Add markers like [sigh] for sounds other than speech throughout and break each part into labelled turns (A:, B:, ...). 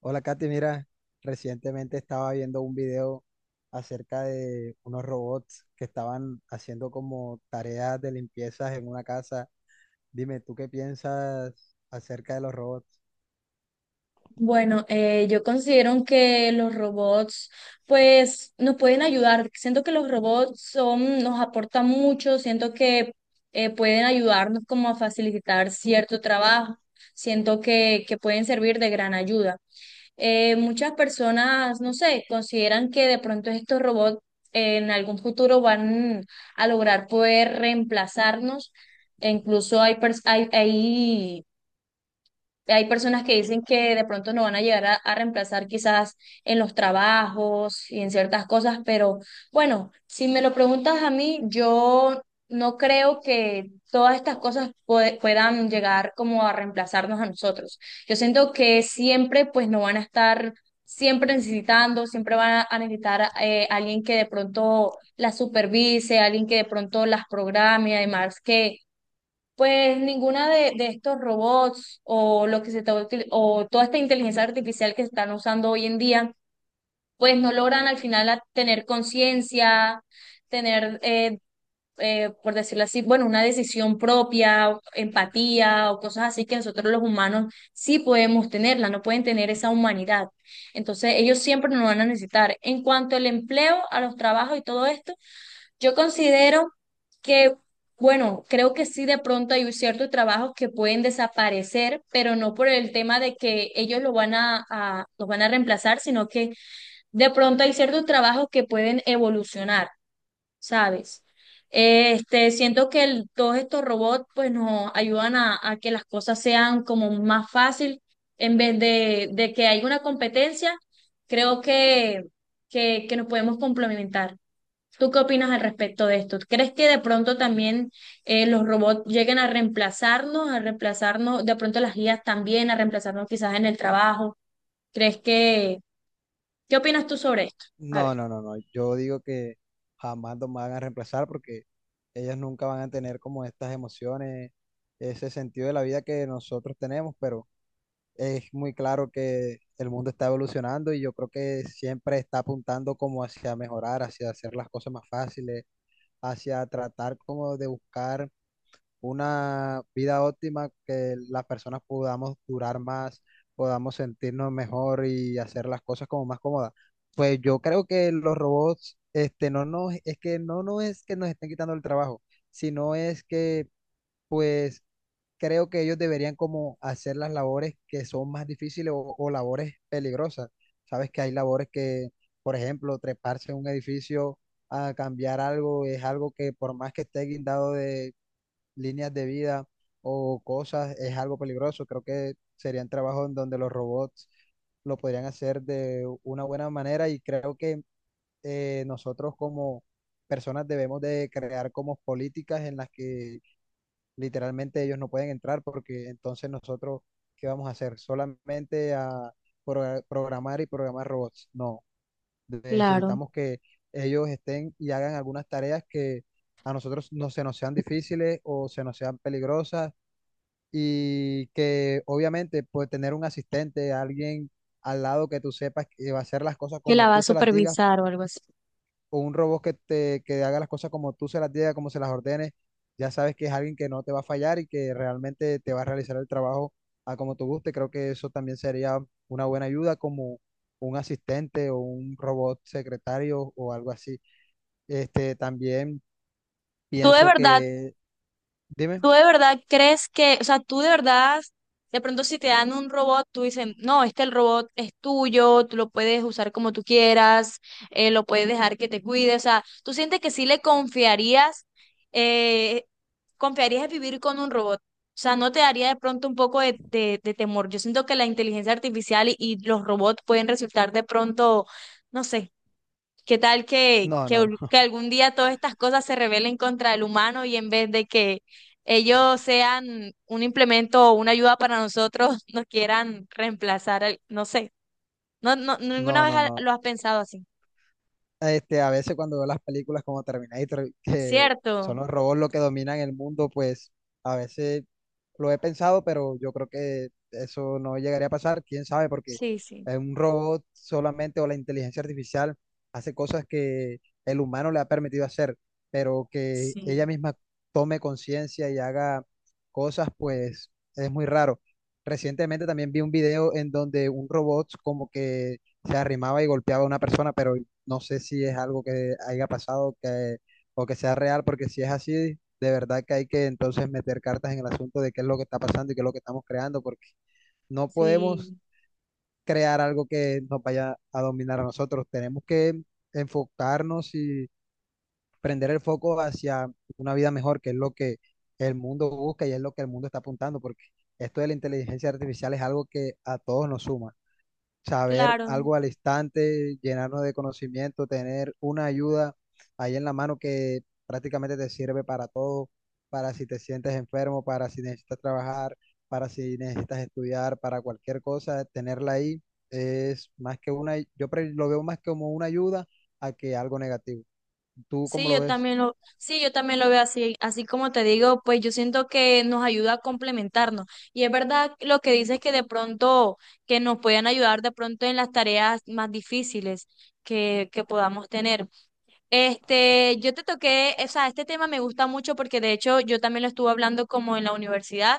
A: Hola, Katy. Mira, recientemente estaba viendo un video acerca de unos robots que estaban haciendo como tareas de limpiezas en una casa. Dime, ¿tú qué piensas acerca de los robots?
B: Bueno, yo considero que los robots, pues, nos pueden ayudar. Siento que los robots nos aportan mucho, siento que pueden ayudarnos como a facilitar cierto trabajo, siento que pueden servir de gran ayuda. Muchas personas, no sé, consideran que de pronto estos robots en algún futuro van a lograr poder reemplazarnos. E incluso hay hay personas que dicen que de pronto no van a llegar a reemplazar quizás en los trabajos y en ciertas cosas, pero bueno, si me lo preguntas a mí, yo no creo que todas estas cosas puedan llegar como a reemplazarnos a nosotros. Yo siento que siempre pues no van a estar siempre necesitando, siempre van a necesitar alguien que de pronto las supervise, alguien que de pronto las programe, además que pues ninguna de estos robots o lo que se está o toda esta inteligencia artificial que se están usando hoy en día, pues no logran al final tener conciencia, tener, por decirlo así, bueno, una decisión propia, o empatía o cosas así que nosotros los humanos sí podemos tenerla, no pueden tener esa humanidad. Entonces, ellos siempre nos van a necesitar. En cuanto al empleo, a los trabajos y todo esto, yo considero que, bueno, creo que sí de pronto hay ciertos trabajos que pueden desaparecer, pero no por el tema de que ellos lo van los van a reemplazar, sino que de pronto hay ciertos trabajos que pueden evolucionar, ¿sabes? Siento que todos estos robots pues nos ayudan a que las cosas sean como más fácil en vez de que haya una competencia, creo que nos podemos complementar. ¿Tú qué opinas al respecto de esto? ¿Crees que de pronto también los robots lleguen a reemplazarnos, de pronto las guías también, a reemplazarnos quizás en el trabajo? ¿Crees qué opinas tú sobre esto? A
A: No,
B: ver.
A: no, no, no. Yo digo que jamás los van a reemplazar porque ellos nunca van a tener como estas emociones, ese sentido de la vida que nosotros tenemos, pero es muy claro que el mundo está evolucionando y yo creo que siempre está apuntando como hacia mejorar, hacia hacer las cosas más fáciles, hacia tratar como de buscar una vida óptima que las personas podamos durar más, podamos sentirnos mejor y hacer las cosas como más cómodas. Pues yo creo que los robots, este, no nos, es que no, no es que nos estén quitando el trabajo, sino es que pues creo que ellos deberían como hacer las labores que son más difíciles o labores peligrosas. Sabes que hay labores que, por ejemplo, treparse en un edificio a cambiar algo es algo que por más que esté guindado de líneas de vida o cosas, es algo peligroso. Creo que serían trabajos en donde los robots lo podrían hacer de una buena manera y creo que nosotros como personas debemos de crear como políticas en las que literalmente ellos no pueden entrar porque entonces nosotros, ¿qué vamos a hacer? Solamente a programar y programar robots. No,
B: Claro.
A: necesitamos que ellos estén y hagan algunas tareas que a nosotros no se nos sean difíciles o se nos sean peligrosas y que obviamente pues tener un asistente, alguien al lado que tú sepas que va a hacer las cosas
B: Que
A: como
B: la va
A: tú
B: a
A: se las digas
B: supervisar o algo así.
A: o un robot que te que haga las cosas como tú se las digas, como se las ordenes, ya sabes que es alguien que no te va a fallar y que realmente te va a realizar el trabajo a como tú guste. Creo que eso también sería una buena ayuda como un asistente o un robot secretario o algo así. Este, también
B: ¿Tú de
A: pienso
B: verdad
A: que, dime,
B: ¿Tú de verdad crees que, o sea, tú de verdad, de pronto si te dan un robot, tú dices, no, este el robot es tuyo, tú lo puedes usar como tú quieras, lo puedes dejar que te cuide, o sea, ¿tú sientes que sí le confiarías, eh, confiarías en vivir con un robot? O sea, ¿no te daría de pronto un poco de temor? Yo siento que la inteligencia artificial y los robots pueden resultar de pronto, no sé. ¿Qué tal
A: no, no, no,
B: que
A: [laughs]
B: algún día todas estas cosas se rebelen contra el humano y en vez de que ellos sean un implemento o una ayuda para nosotros, [laughs] nos quieran reemplazar? No sé, no, no, ninguna
A: no,
B: vez
A: no, no.
B: lo has pensado así,
A: Este, a veces cuando veo las películas como Terminator, que son
B: ¿cierto?
A: los robots los que dominan el mundo, pues a veces lo he pensado, pero yo creo que eso no llegaría a pasar, quién sabe, porque
B: Sí, sí.
A: un robot solamente o la inteligencia artificial hace cosas que el humano le ha permitido hacer, pero que ella
B: Sí,
A: misma tome conciencia y haga cosas, pues es muy raro. Recientemente también vi un video en donde un robot como que se arrimaba y golpeaba a una persona, pero no sé si es algo que haya pasado que, o que sea real, porque si es así, de verdad que hay que entonces meter cartas en el asunto de qué es lo que está pasando y qué es lo que estamos creando, porque no podemos
B: sí,
A: crear algo que nos vaya a dominar a nosotros. Tenemos que enfocarnos y prender el foco hacia una vida mejor, que es lo que el mundo busca y es lo que el mundo está apuntando, porque esto de la inteligencia artificial es algo que a todos nos suma saber
B: claro.
A: algo al instante, llenarnos de conocimiento, tener una ayuda ahí en la mano que prácticamente te sirve para todo, para si te sientes enfermo, para si necesitas trabajar, para si necesitas estudiar, para cualquier cosa, tenerla ahí es más que una, yo lo veo más como una ayuda a que algo negativo. ¿Tú cómo
B: Sí,
A: lo
B: yo
A: ves?
B: también sí, yo también lo veo así, así como te digo, pues yo siento que nos ayuda a complementarnos. Y es verdad lo que dices que de pronto, que nos pueden ayudar de pronto en las tareas más difíciles que podamos tener. Yo te toqué, o sea, este tema me gusta mucho porque de hecho yo también lo estuve hablando como en la universidad,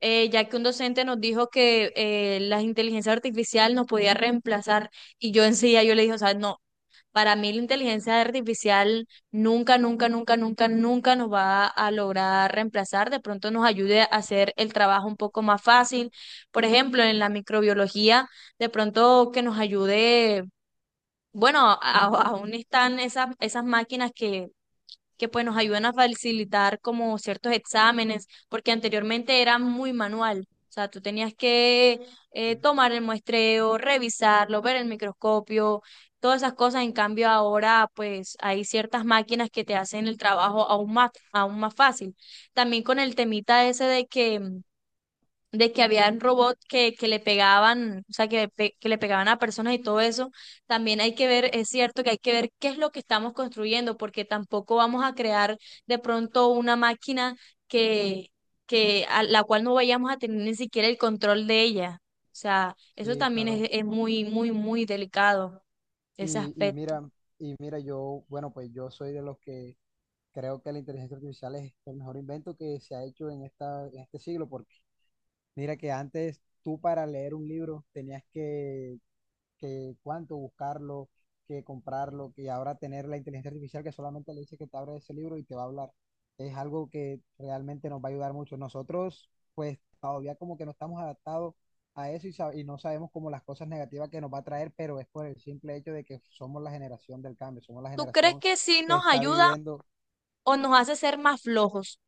B: ya que un docente nos dijo que la inteligencia artificial nos podía reemplazar y yo enseguida yo le dije, o sea, no. Para mí la inteligencia artificial nunca, nunca, nunca, nunca, nunca nos va a lograr reemplazar. De pronto nos ayude a hacer el trabajo un poco más fácil. Por ejemplo, en la microbiología, de pronto que nos ayude, bueno, aún están esas máquinas que pues nos ayudan a facilitar como ciertos exámenes, porque anteriormente era muy manual. O sea, tú tenías que
A: Sí,
B: tomar el muestreo, revisarlo, ver el microscopio, todas esas cosas. En cambio, ahora pues hay ciertas máquinas que te hacen el trabajo aún más fácil. También con el temita ese de que habían robots que le pegaban, o sea, que le pegaban a personas y todo eso, también hay que ver, es cierto que hay que ver qué es lo que estamos construyendo, porque tampoco vamos a crear de pronto una máquina que, que a la cual no vayamos a tener ni siquiera el control de ella. O sea, eso
A: sí,
B: también
A: claro.
B: es muy, muy, muy delicado, ese
A: Y
B: aspecto.
A: mira, yo, bueno, pues yo soy de los que creo que la inteligencia artificial es el mejor invento que se ha hecho en esta, en este siglo, porque mira que antes tú para leer un libro tenías que cuánto buscarlo, que comprarlo, que ahora tener la inteligencia artificial que solamente le dice que te abra ese libro y te va a hablar. Es algo que realmente nos va a ayudar mucho. Nosotros, pues todavía como que no estamos adaptados a eso y, y no sabemos como las cosas negativas que nos va a traer, pero es por el simple hecho de que somos la generación del cambio, somos la
B: ¿Tú crees
A: generación
B: que sí
A: que
B: nos
A: está
B: ayuda
A: viviendo.
B: o nos hace ser más flojos?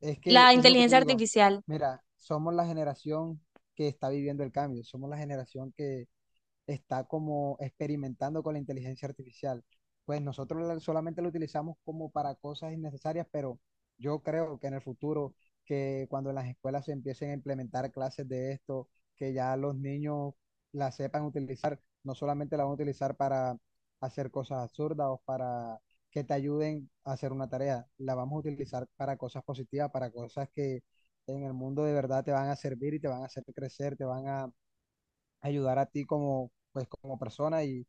A: Es que
B: La
A: es lo que te
B: inteligencia
A: digo.
B: artificial.
A: Mira, somos la generación que está viviendo el cambio, somos la generación que está como experimentando con la inteligencia artificial. Pues nosotros solamente lo utilizamos como para cosas innecesarias, pero yo creo que en el futuro, que cuando en las escuelas se empiecen a implementar clases de esto, que ya los niños la sepan utilizar, no solamente la van a utilizar para hacer cosas absurdas o para que te ayuden a hacer una tarea, la vamos a utilizar para cosas positivas, para cosas que en el mundo de verdad te van a servir y te van a hacer crecer, te van a ayudar a ti como como persona y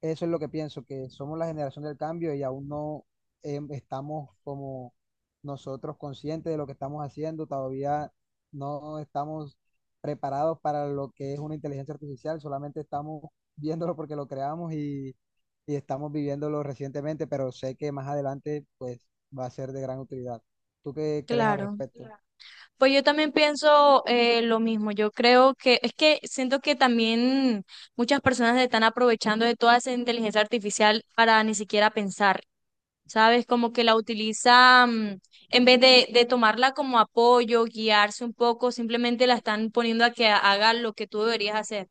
A: eso es lo que pienso, que somos la generación del cambio y aún no estamos como nosotros conscientes de lo que estamos haciendo, todavía no estamos preparados para lo que es una inteligencia artificial, solamente estamos viéndolo porque lo creamos y estamos viviéndolo recientemente, pero sé que más adelante pues va a ser de gran utilidad. ¿Tú qué crees al
B: Claro.
A: respecto? Claro.
B: Pues yo también pienso lo mismo. Yo creo que es que siento que también muchas personas se están aprovechando de toda esa inteligencia artificial para ni siquiera pensar, ¿sabes? Como que la utilizan, en vez de tomarla como apoyo, guiarse un poco, simplemente la están poniendo a que haga lo que tú deberías hacer.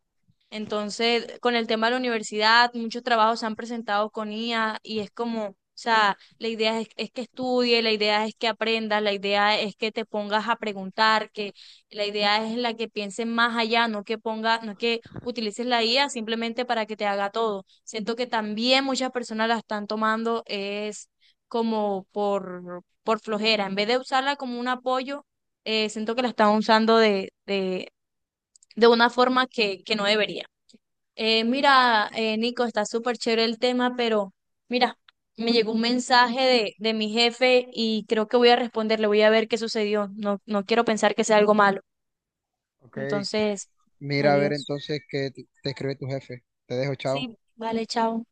B: Entonces, con el tema de la universidad, muchos trabajos se han presentado con IA y es como, o sea, la idea es que estudie, la idea es que aprendas, la idea es que te pongas a preguntar, que la idea es la que pienses más allá, no que ponga, no que utilices la IA simplemente para que te haga todo. Siento que también muchas personas la están tomando es como por flojera, en vez de usarla como un apoyo, siento que la están usando de una forma que no debería. Mira, Nico, está súper chévere el tema, pero mira, me llegó un mensaje de mi jefe y creo que voy a responderle, voy a ver qué sucedió. No, no quiero pensar que sea algo malo.
A: Ok,
B: Entonces,
A: mira a ver
B: adiós.
A: entonces qué te escribe tu jefe. Te dejo,
B: Sí,
A: chao.
B: vale, chao.